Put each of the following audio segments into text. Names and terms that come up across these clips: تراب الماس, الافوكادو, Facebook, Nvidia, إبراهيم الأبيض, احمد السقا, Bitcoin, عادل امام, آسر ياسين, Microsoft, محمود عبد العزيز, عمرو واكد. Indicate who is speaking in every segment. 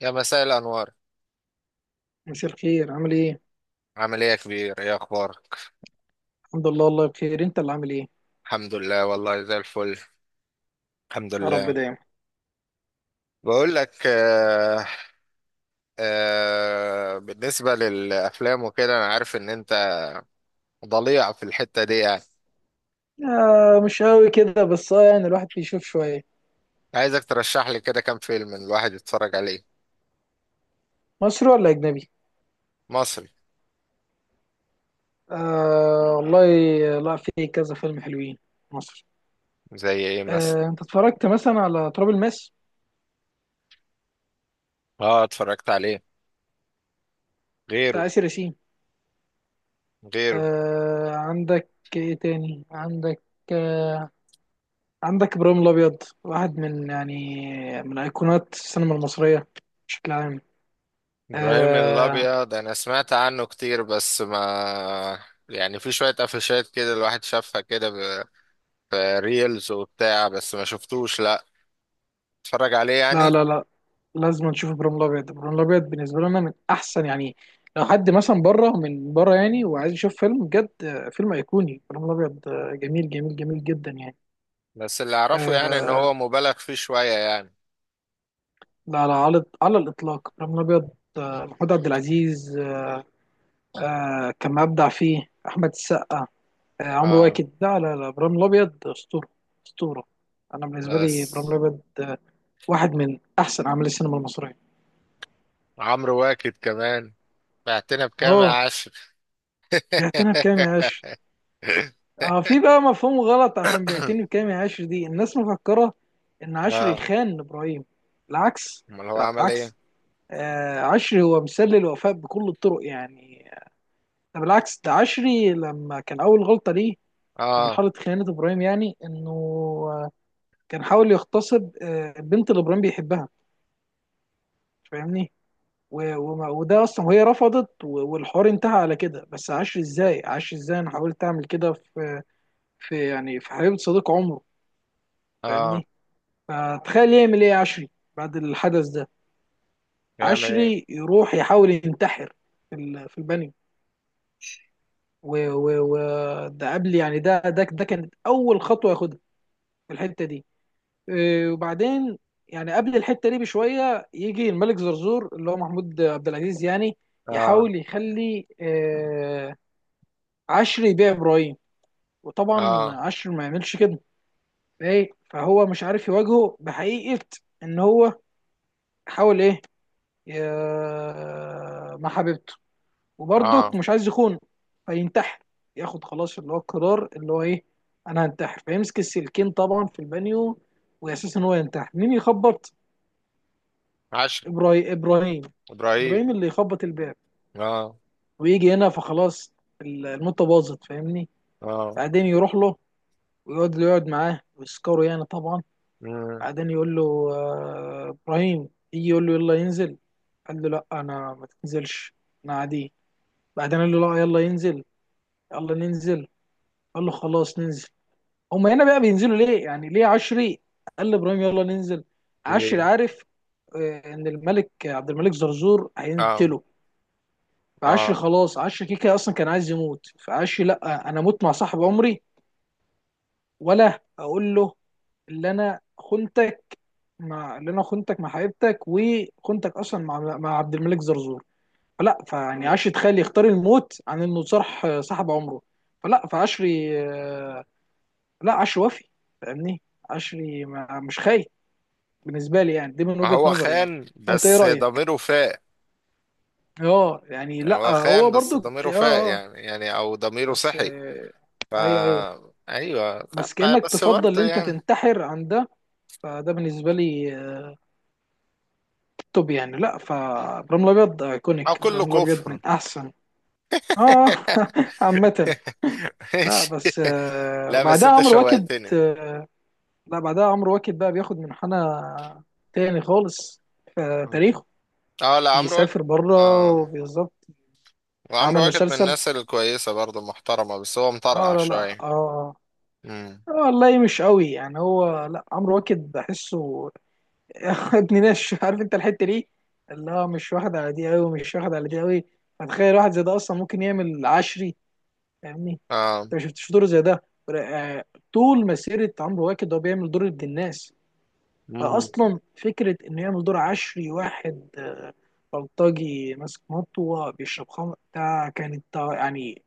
Speaker 1: يا مساء الأنوار.
Speaker 2: مساء الخير، عامل ايه؟
Speaker 1: عامل إيه يا كبير؟ إيه أخبارك؟
Speaker 2: الحمد لله والله بخير، انت اللي عامل ايه؟
Speaker 1: الحمد لله والله زي الفل الحمد
Speaker 2: يا رب
Speaker 1: لله.
Speaker 2: دايما.
Speaker 1: بقول لك آه، بالنسبة للأفلام وكده أنا عارف إن أنت ضليع في الحتة دي يعني.
Speaker 2: آه، مش قوي كده، بس يعني الواحد بيشوف شوية.
Speaker 1: عايزك ترشح لي كده كام فيلم الواحد يتفرج عليه.
Speaker 2: مصري ولا أجنبي؟
Speaker 1: مصري.
Speaker 2: آه والله، لا، في كذا فيلم حلوين مصر.
Speaker 1: زي إيه مثلا؟
Speaker 2: آه، انت اتفرجت مثلا على تراب الماس
Speaker 1: آه اتفرجت عليه، غيره.
Speaker 2: بتاع آسر ياسين؟
Speaker 1: غيره.
Speaker 2: آه، عندك ايه تاني؟ آه عندك إبراهيم الأبيض، واحد من أيقونات السينما المصرية بشكل عام.
Speaker 1: إبراهيم
Speaker 2: آه،
Speaker 1: الأبيض أنا سمعت عنه كتير بس ما يعني، في شوية قفشات كده الواحد شافها كده في ريلز وبتاع بس ما شفتوش، لا اتفرج عليه
Speaker 2: لا
Speaker 1: يعني.
Speaker 2: لا لا، لازم نشوف ابراهيم الابيض. ابراهيم الابيض بالنسبه لنا من احسن، يعني لو حد مثلا بره، من بره يعني، وعايز يشوف فيلم بجد، فيلم ايقوني، ابراهيم الابيض. جميل جميل جميل جدا يعني.
Speaker 1: بس اللي اعرفه يعني ان
Speaker 2: آه،
Speaker 1: هو مبالغ فيه شوية يعني.
Speaker 2: لا لا، على الاطلاق ابراهيم الابيض. محمود عبد العزيز آه، كان مبدع فيه. احمد السقا، عمرو
Speaker 1: اه.
Speaker 2: واكد، لا لا لا، ابراهيم الابيض اسطوره، اسطوره. انا بالنسبه لي
Speaker 1: بس
Speaker 2: ابراهيم الابيض واحد من احسن اعمال السينما المصريه.
Speaker 1: عمرو واكد كمان. بعتنا بكام يا
Speaker 2: اه،
Speaker 1: عشر.
Speaker 2: بيعتنى بكام يا عاش. اه، في بقى مفهوم غلط، عشان بيعتني بكامل عاشر دي الناس مفكرة ان عاشر
Speaker 1: اه.
Speaker 2: يخان ابراهيم. العكس،
Speaker 1: امال هو عمل
Speaker 2: العكس.
Speaker 1: ايه؟
Speaker 2: آه، عشري هو مثال للوفاء بكل الطرق يعني. ده بالعكس، ده عشري لما كان اول غلطة ليه في
Speaker 1: اه.
Speaker 2: مرحلة خيانة ابراهيم، يعني انه آه، كان حاول يغتصب البنت اللي ابراهيم بيحبها، فاهمني. وده اصلا، وهي رفضت، والحوار انتهى على كده. بس عشري ازاي، عشري ازاي انا حاولت اعمل كده في حبيبة صديق عمره،
Speaker 1: اه.
Speaker 2: فاهمني. فتخيل يعمل ايه عشري بعد الحدث ده.
Speaker 1: يعمل
Speaker 2: عشري
Speaker 1: ايه؟
Speaker 2: يروح يحاول ينتحر في البانيو. ده قبل، يعني ده كانت اول خطوه ياخدها في الحته دي. إيه، وبعدين يعني قبل الحته دي بشويه، يجي الملك زرزور، اللي هو محمود عبد العزيز يعني،
Speaker 1: اه.
Speaker 2: يحاول يخلي عشري يبيع ابراهيم، وطبعا
Speaker 1: اه.
Speaker 2: عشري ما يعملش كده. ايه، فهو مش عارف يواجهه بحقيقه ان هو حاول ايه مع حبيبته،
Speaker 1: اه.
Speaker 2: وبرضك مش عايز يخونه، فينتحر. ياخد خلاص اللي هو القرار، اللي هو ايه؟ انا هنتحر. فيمسك السلكين طبعا في البانيو، واساس ان هو ينتحر، مين يخبط؟
Speaker 1: عشر.
Speaker 2: ابراهيم، ابراهيم،
Speaker 1: ابراهيم.
Speaker 2: ابراهيم اللي يخبط الباب،
Speaker 1: اه.
Speaker 2: ويجي هنا فخلاص الموتة باظت، فاهمني.
Speaker 1: اه.
Speaker 2: بعدين يروح له ويقعد يقعد معاه ويسكره يعني طبعا.
Speaker 1: مم.
Speaker 2: بعدين يقول له ابراهيم يجي يقول له يلا ينزل. قال له لا، انا ما تنزلش، انا عادي. بعدين قال له لا، يلا ينزل، يلا ننزل. قال له خلاص ننزل. هما هنا بقى بينزلوا ليه؟ يعني ليه عشري قال لابراهيم يلا ننزل؟
Speaker 1: ليه؟
Speaker 2: عشري عارف ان عبد الملك زرزور
Speaker 1: اه.
Speaker 2: هيقتله. فعشري
Speaker 1: اه.
Speaker 2: خلاص، عشري كيكا اصلا كان عايز يموت، فعشري لا، انا اموت مع صاحب عمري، ولا اقول له اللي انا خنتك اللي انا خنتك مع حبيبتك، وخنتك اصلا مع عبد الملك زرزور. فلا فيعني عشري تخيل يختار الموت عن انه صرح صاحب عمره. فلا فعشري لا، عشري وفي، فاهمني. عشري ما مش خاين بالنسبه لي، يعني دي من
Speaker 1: ما
Speaker 2: وجهه
Speaker 1: هو
Speaker 2: نظري يعني.
Speaker 1: خان
Speaker 2: فانت ايه
Speaker 1: بس
Speaker 2: رايك؟
Speaker 1: ضميره فاق.
Speaker 2: اه يعني
Speaker 1: يعني
Speaker 2: لا،
Speaker 1: هو خان
Speaker 2: هو
Speaker 1: بس
Speaker 2: برضو
Speaker 1: ضميره فاق
Speaker 2: اه،
Speaker 1: يعني، يعني او ضميره
Speaker 2: بس
Speaker 1: صحي. فا
Speaker 2: ايوه، ايوه،
Speaker 1: ايوه
Speaker 2: بس
Speaker 1: طب.
Speaker 2: كانك
Speaker 1: بس
Speaker 2: تفضل ان
Speaker 1: برضه
Speaker 2: انت
Speaker 1: يعني.
Speaker 2: تنتحر عن ده. فده بالنسبه لي توب يعني. لا، فابراهيم الابيض
Speaker 1: او
Speaker 2: ايكونيك،
Speaker 1: كله
Speaker 2: ابراهيم الابيض
Speaker 1: كفر.
Speaker 2: من احسن. اه. عامه. لا
Speaker 1: ماشي.
Speaker 2: بس
Speaker 1: لا بس
Speaker 2: وبعدها
Speaker 1: انت
Speaker 2: عمرو واكد
Speaker 1: شوقتني.
Speaker 2: لا، بعدها عمرو واكد بقى بياخد منحنى تاني خالص في تاريخه.
Speaker 1: اه لا عمرو واكد.
Speaker 2: بيسافر بره،
Speaker 1: اه.
Speaker 2: بالظبط.
Speaker 1: وعمرو
Speaker 2: عمل
Speaker 1: واكد من
Speaker 2: مسلسل.
Speaker 1: الناس الكويسة برضه محترمة بس هو
Speaker 2: اه
Speaker 1: مطرقع
Speaker 2: لا لا اه،
Speaker 1: شوية. امم.
Speaker 2: والله مش قوي يعني، هو لا، عمرو واكد بحسه ابن ناس، عارف انت الحته دي اللي هو مش واخد على دي قوي، مش واخد على دي قوي. فتخيل واحد زي ده اصلا ممكن يعمل عشري، فاهمني؟
Speaker 1: اه.
Speaker 2: انت ما شفتش دور زي ده. آه، طول مسيره عمرو واكد هو بيعمل دور ابن الناس.
Speaker 1: امم.
Speaker 2: فاصلا فكره انه يعمل دور عشري، واحد بلطجي ماسك مطوه بيشرب خمر، ده كانت يعني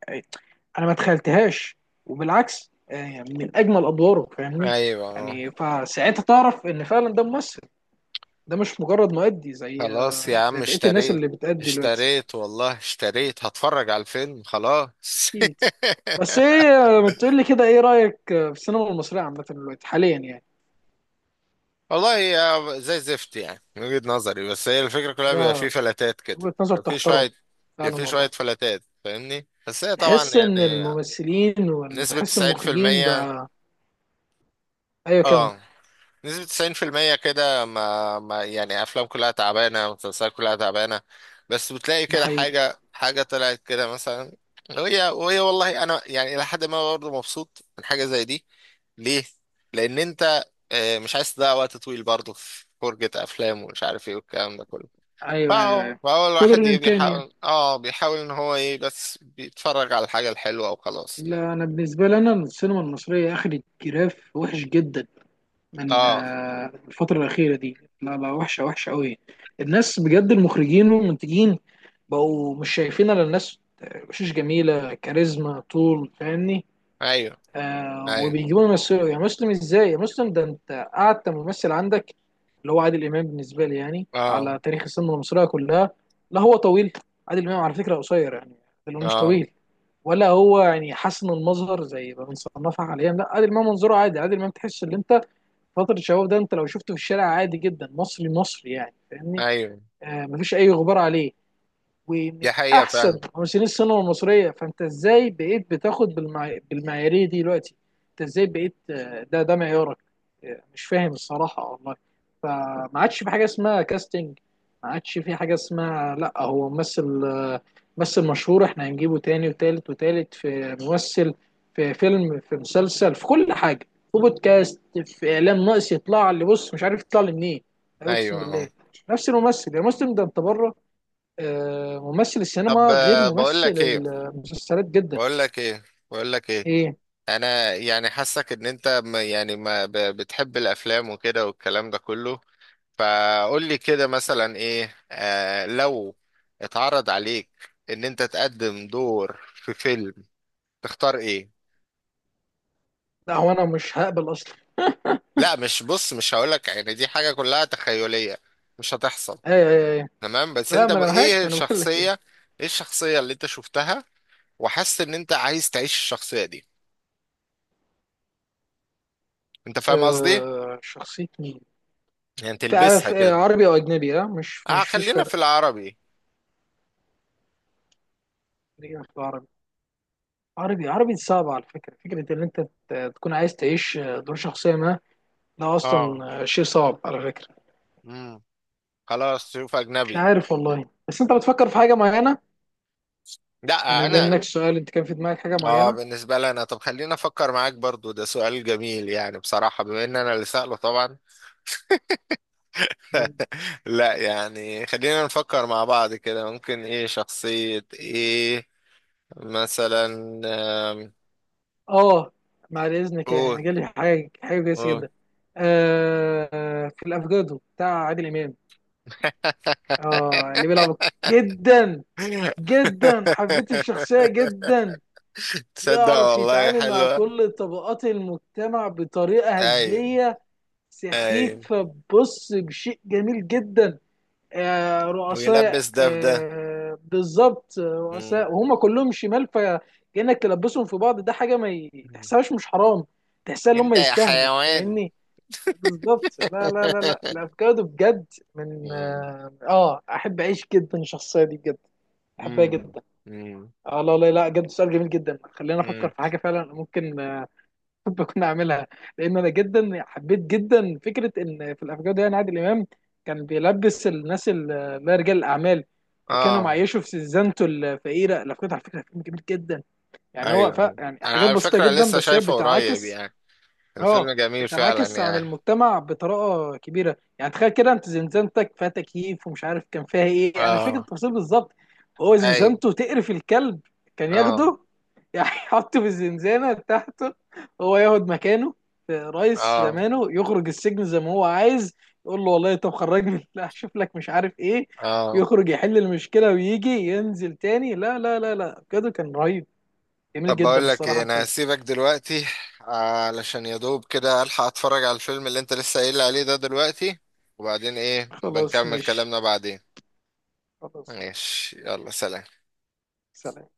Speaker 2: انا ما تخيلتهاش، وبالعكس يعني من اجمل ادواره، فاهمني.
Speaker 1: ايوه آه.
Speaker 2: يعني فساعتها تعرف ان فعلا ده ممثل، ده مش مجرد مؤدي زي
Speaker 1: خلاص يا
Speaker 2: آه،
Speaker 1: عم
Speaker 2: زي بقيه الناس
Speaker 1: اشتريت.
Speaker 2: اللي بتأدي دلوقتي.
Speaker 1: اشتريت والله اشتريت، هتفرج على الفيلم خلاص.
Speaker 2: اكيد. بس ايه، ما تقول لي كده ايه رايك في السينما المصريه عامه دلوقتي حاليا يعني.
Speaker 1: والله هي زي زفت يعني من وجهة نظري، بس هي الفكرة كلها
Speaker 2: ده
Speaker 1: بيبقى في فلاتات كده،
Speaker 2: وجهه نظر
Speaker 1: بيبقى في
Speaker 2: تحترم،
Speaker 1: شوية، بيبقى
Speaker 2: فعلا
Speaker 1: في شوية
Speaker 2: والله.
Speaker 1: فلاتات فاهمني، بس هي طبعا
Speaker 2: تحس ان
Speaker 1: يعني
Speaker 2: الممثلين
Speaker 1: نسبة
Speaker 2: وتحس المخرجين
Speaker 1: 90%
Speaker 2: بقى، ايوه كمل،
Speaker 1: اه، نسبة 90% كده ما يعني أفلام كلها تعبانة مسلسلات كلها تعبانة، بس بتلاقي
Speaker 2: ده
Speaker 1: كده
Speaker 2: حقيقي،
Speaker 1: حاجة حاجة طلعت كده مثلا. وهي والله أنا يعني إلى حد ما برضه مبسوط من حاجة زي دي. ليه؟ لأن أنت مش عايز تضيع وقت طويل برضه في فرجة أفلام ومش عارف إيه والكلام ده كله.
Speaker 2: ايوه ايوه
Speaker 1: فهو
Speaker 2: ايوه،
Speaker 1: فهو
Speaker 2: قدر
Speaker 1: الواحد إيه
Speaker 2: الامكان يعني.
Speaker 1: بيحاول، بيحاول إن هو إيه بس بيتفرج على الحاجة الحلوة وخلاص.
Speaker 2: لا انا بالنسبه لي انا السينما المصريه اخدت جراف وحش جدا من
Speaker 1: آه.
Speaker 2: الفتره الاخيره دي. لا لا، وحشه، وحشه قوي. الناس بجد، المخرجين والمنتجين بقوا مش شايفين الا الناس وشوش جميله، كاريزما طول، فاهمني.
Speaker 1: أيوه.
Speaker 2: آه،
Speaker 1: أيوه.
Speaker 2: وبيجيبوا يمثلوا، يا مسلم ازاي، يا مسلم ده انت قعدت ممثل عندك اللي هو عادل امام، بالنسبه لي يعني
Speaker 1: آه.
Speaker 2: على تاريخ السينما المصريه كلها. لا، هو طويل؟ عادل امام على فكره قصير يعني، اللي هو مش
Speaker 1: آه.
Speaker 2: طويل، ولا هو يعني حسن المظهر زي ما بنصنفها حاليا. لا، عادل امام منظره عادي، عادل امام تحس ان انت فتره الشباب ده، انت لو شفته في الشارع عادي جدا، مصري مصري يعني، فاهمني.
Speaker 1: أيوه.
Speaker 2: آه، مفيش اي غبار عليه، ومن
Speaker 1: دي حقيقة
Speaker 2: احسن
Speaker 1: فعلا.
Speaker 2: ممثلين السينما المصريه. فانت ازاي بقيت بتاخد بالمعياريه دي دلوقتي؟ انت ازاي بقيت ده معيارك؟ مش فاهم الصراحه والله. فما عادش في حاجه اسمها كاستنج، ما عادش في حاجه اسمها، لا هو ممثل ممثل مشهور احنا هنجيبه تاني وتالت وتالت في ممثل، في فيلم، في مسلسل، في كل حاجه، في بودكاست، في اعلام، ناقص يطلع اللي بص مش عارف يطلع لي منين. اقسم
Speaker 1: ايوه. اه.
Speaker 2: بالله نفس الممثل، يا مسلم ده انت بره ممثل
Speaker 1: طب
Speaker 2: السينما غير
Speaker 1: بقول
Speaker 2: ممثل
Speaker 1: لك ايه،
Speaker 2: المسلسلات جدا.
Speaker 1: بقول لك ايه بقول لك ايه.
Speaker 2: ايه؟
Speaker 1: انا يعني حاسك ان انت ما- يعني ما ب- بتحب الافلام وكده والكلام ده كله. فقول لي كده مثلا ايه، لو اتعرض عليك ان انت تقدم دور في فيلم تختار ايه.
Speaker 2: لا هو انا مش هقبل اصلا.
Speaker 1: لا مش بص، مش هقول لك يعني دي حاجة كلها تخيلية مش هتحصل.
Speaker 2: ايه ايه ايه،
Speaker 1: تمام.
Speaker 2: لا ما انا
Speaker 1: ايه
Speaker 2: عارف انا بقول لك ايه.
Speaker 1: الشخصية؟ ايه الشخصية اللي انت شفتها وحاسس ان انت عايز تعيش الشخصية دي؟ انت فاهم قصدي؟
Speaker 2: شخصية مين؟
Speaker 1: يعني تلبسها كده.
Speaker 2: عربي او اجنبي، اه مش
Speaker 1: اه
Speaker 2: مش فيش
Speaker 1: خلينا في
Speaker 2: فرق.
Speaker 1: العربي.
Speaker 2: خلينا في العربي، عربي عربي صعب على فكرة ان انت تكون عايز تعيش دور شخصية ما، ده
Speaker 1: اه.
Speaker 2: اصلا شيء صعب على فكرة.
Speaker 1: امم. خلاص شوف
Speaker 2: مش
Speaker 1: اجنبي.
Speaker 2: عارف والله، بس انت بتفكر في حاجة معينة،
Speaker 1: لا
Speaker 2: يعني بما
Speaker 1: انا.
Speaker 2: انك السؤال انت كان في دماغك حاجة
Speaker 1: اه
Speaker 2: معينة.
Speaker 1: بالنسبه لي انا، طب خلينا افكر معاك برضو، ده سؤال جميل يعني بصراحه بما ان انا اللي سأله طبعا. لا يعني خلينا نفكر مع بعض كده ممكن ايه شخصيه ايه مثلا. آم،
Speaker 2: اه، بعد اذنك،
Speaker 1: قول،
Speaker 2: يعني جالي حاجه كويسه
Speaker 1: قول.
Speaker 2: جدا. آه، في الافوكادو بتاع عادل امام. اه اللي بيلعب جدا، جدا، حبيت الشخصيه جدا،
Speaker 1: تصدق
Speaker 2: يعرف
Speaker 1: والله
Speaker 2: يتعامل مع
Speaker 1: حلوه.
Speaker 2: كل طبقات المجتمع بطريقه
Speaker 1: ايوه.
Speaker 2: هزليه
Speaker 1: ايوه،
Speaker 2: سخيفه، بص، بشيء جميل جدا. رؤساء،
Speaker 1: ويلبس ده في ده.
Speaker 2: بالظبط،
Speaker 1: مم.
Speaker 2: رؤساء، وهم كلهم شمال، فكأنك تلبسهم في بعض، ده حاجة ما تحسهاش مش حرام. تحسها ان هم
Speaker 1: انت يا
Speaker 2: يستاهلوا،
Speaker 1: حيوان.
Speaker 2: فاهمني. بالظبط، لا لا لا لا، الافوكادو بجد، من
Speaker 1: مم.
Speaker 2: اه آه، احب اعيش جدا الشخصية دي بجد، احبها
Speaker 1: مم.
Speaker 2: جدا.
Speaker 1: مم.
Speaker 2: اه لا لا لا، بجد سؤال جميل جدا، خلينا افكر
Speaker 1: مم.
Speaker 2: في حاجة فعلا ممكن بكون عاملها. لان انا جدا حبيت جدا فكره ان في الافكار دي، أن عادل امام كان بيلبس الناس اللي هي رجال الاعمال، وكانوا
Speaker 1: اه.
Speaker 2: معيشوا في سيزانته الفقيره، الافكار دي على فكره، فيلم جميل جدا يعني. هو
Speaker 1: ايوه، ايوه،
Speaker 2: يعني
Speaker 1: انا
Speaker 2: حاجات
Speaker 1: على
Speaker 2: بسيطه
Speaker 1: فكرة
Speaker 2: جدا،
Speaker 1: لسه
Speaker 2: بس هي
Speaker 1: شايفه قريب
Speaker 2: بتعاكس
Speaker 1: يعني، الفيلم
Speaker 2: اه
Speaker 1: جميل فعلا
Speaker 2: بتنعكس عن
Speaker 1: يعني.
Speaker 2: المجتمع بطريقه كبيره. يعني تخيل كده، انت زنزانتك فيها تكييف ومش عارف كان فيها ايه، انا مش فاكر
Speaker 1: اه.
Speaker 2: التفاصيل بالظبط، هو
Speaker 1: ايوه.
Speaker 2: زنزانته تقرف الكلب. كان
Speaker 1: اه.
Speaker 2: ياخده يعني يحطه في الزنزانه بتاعته، هو ياخد مكانه، رئيس
Speaker 1: اه.
Speaker 2: زمانه، يخرج السجن زي ما هو عايز. يقول له والله، طب خرجني، لا اشوف لك مش عارف ايه،
Speaker 1: اه.
Speaker 2: يخرج يحل المشكله ويجي ينزل تاني. لا لا لا لا، بجد كان رهيب، جميل
Speaker 1: طب
Speaker 2: جدا
Speaker 1: بقول لك ايه،
Speaker 2: الصراحه
Speaker 1: انا
Speaker 2: الفيلم.
Speaker 1: هسيبك دلوقتي علشان يا دوب كده الحق اتفرج على الفيلم اللي انت لسه قايل لي عليه ده دلوقتي، وبعدين ايه
Speaker 2: خلاص
Speaker 1: بنكمل
Speaker 2: ماشي،
Speaker 1: كلامنا بعدين.
Speaker 2: خلاص ماشي،
Speaker 1: ماشي، يلا سلام.
Speaker 2: سلام.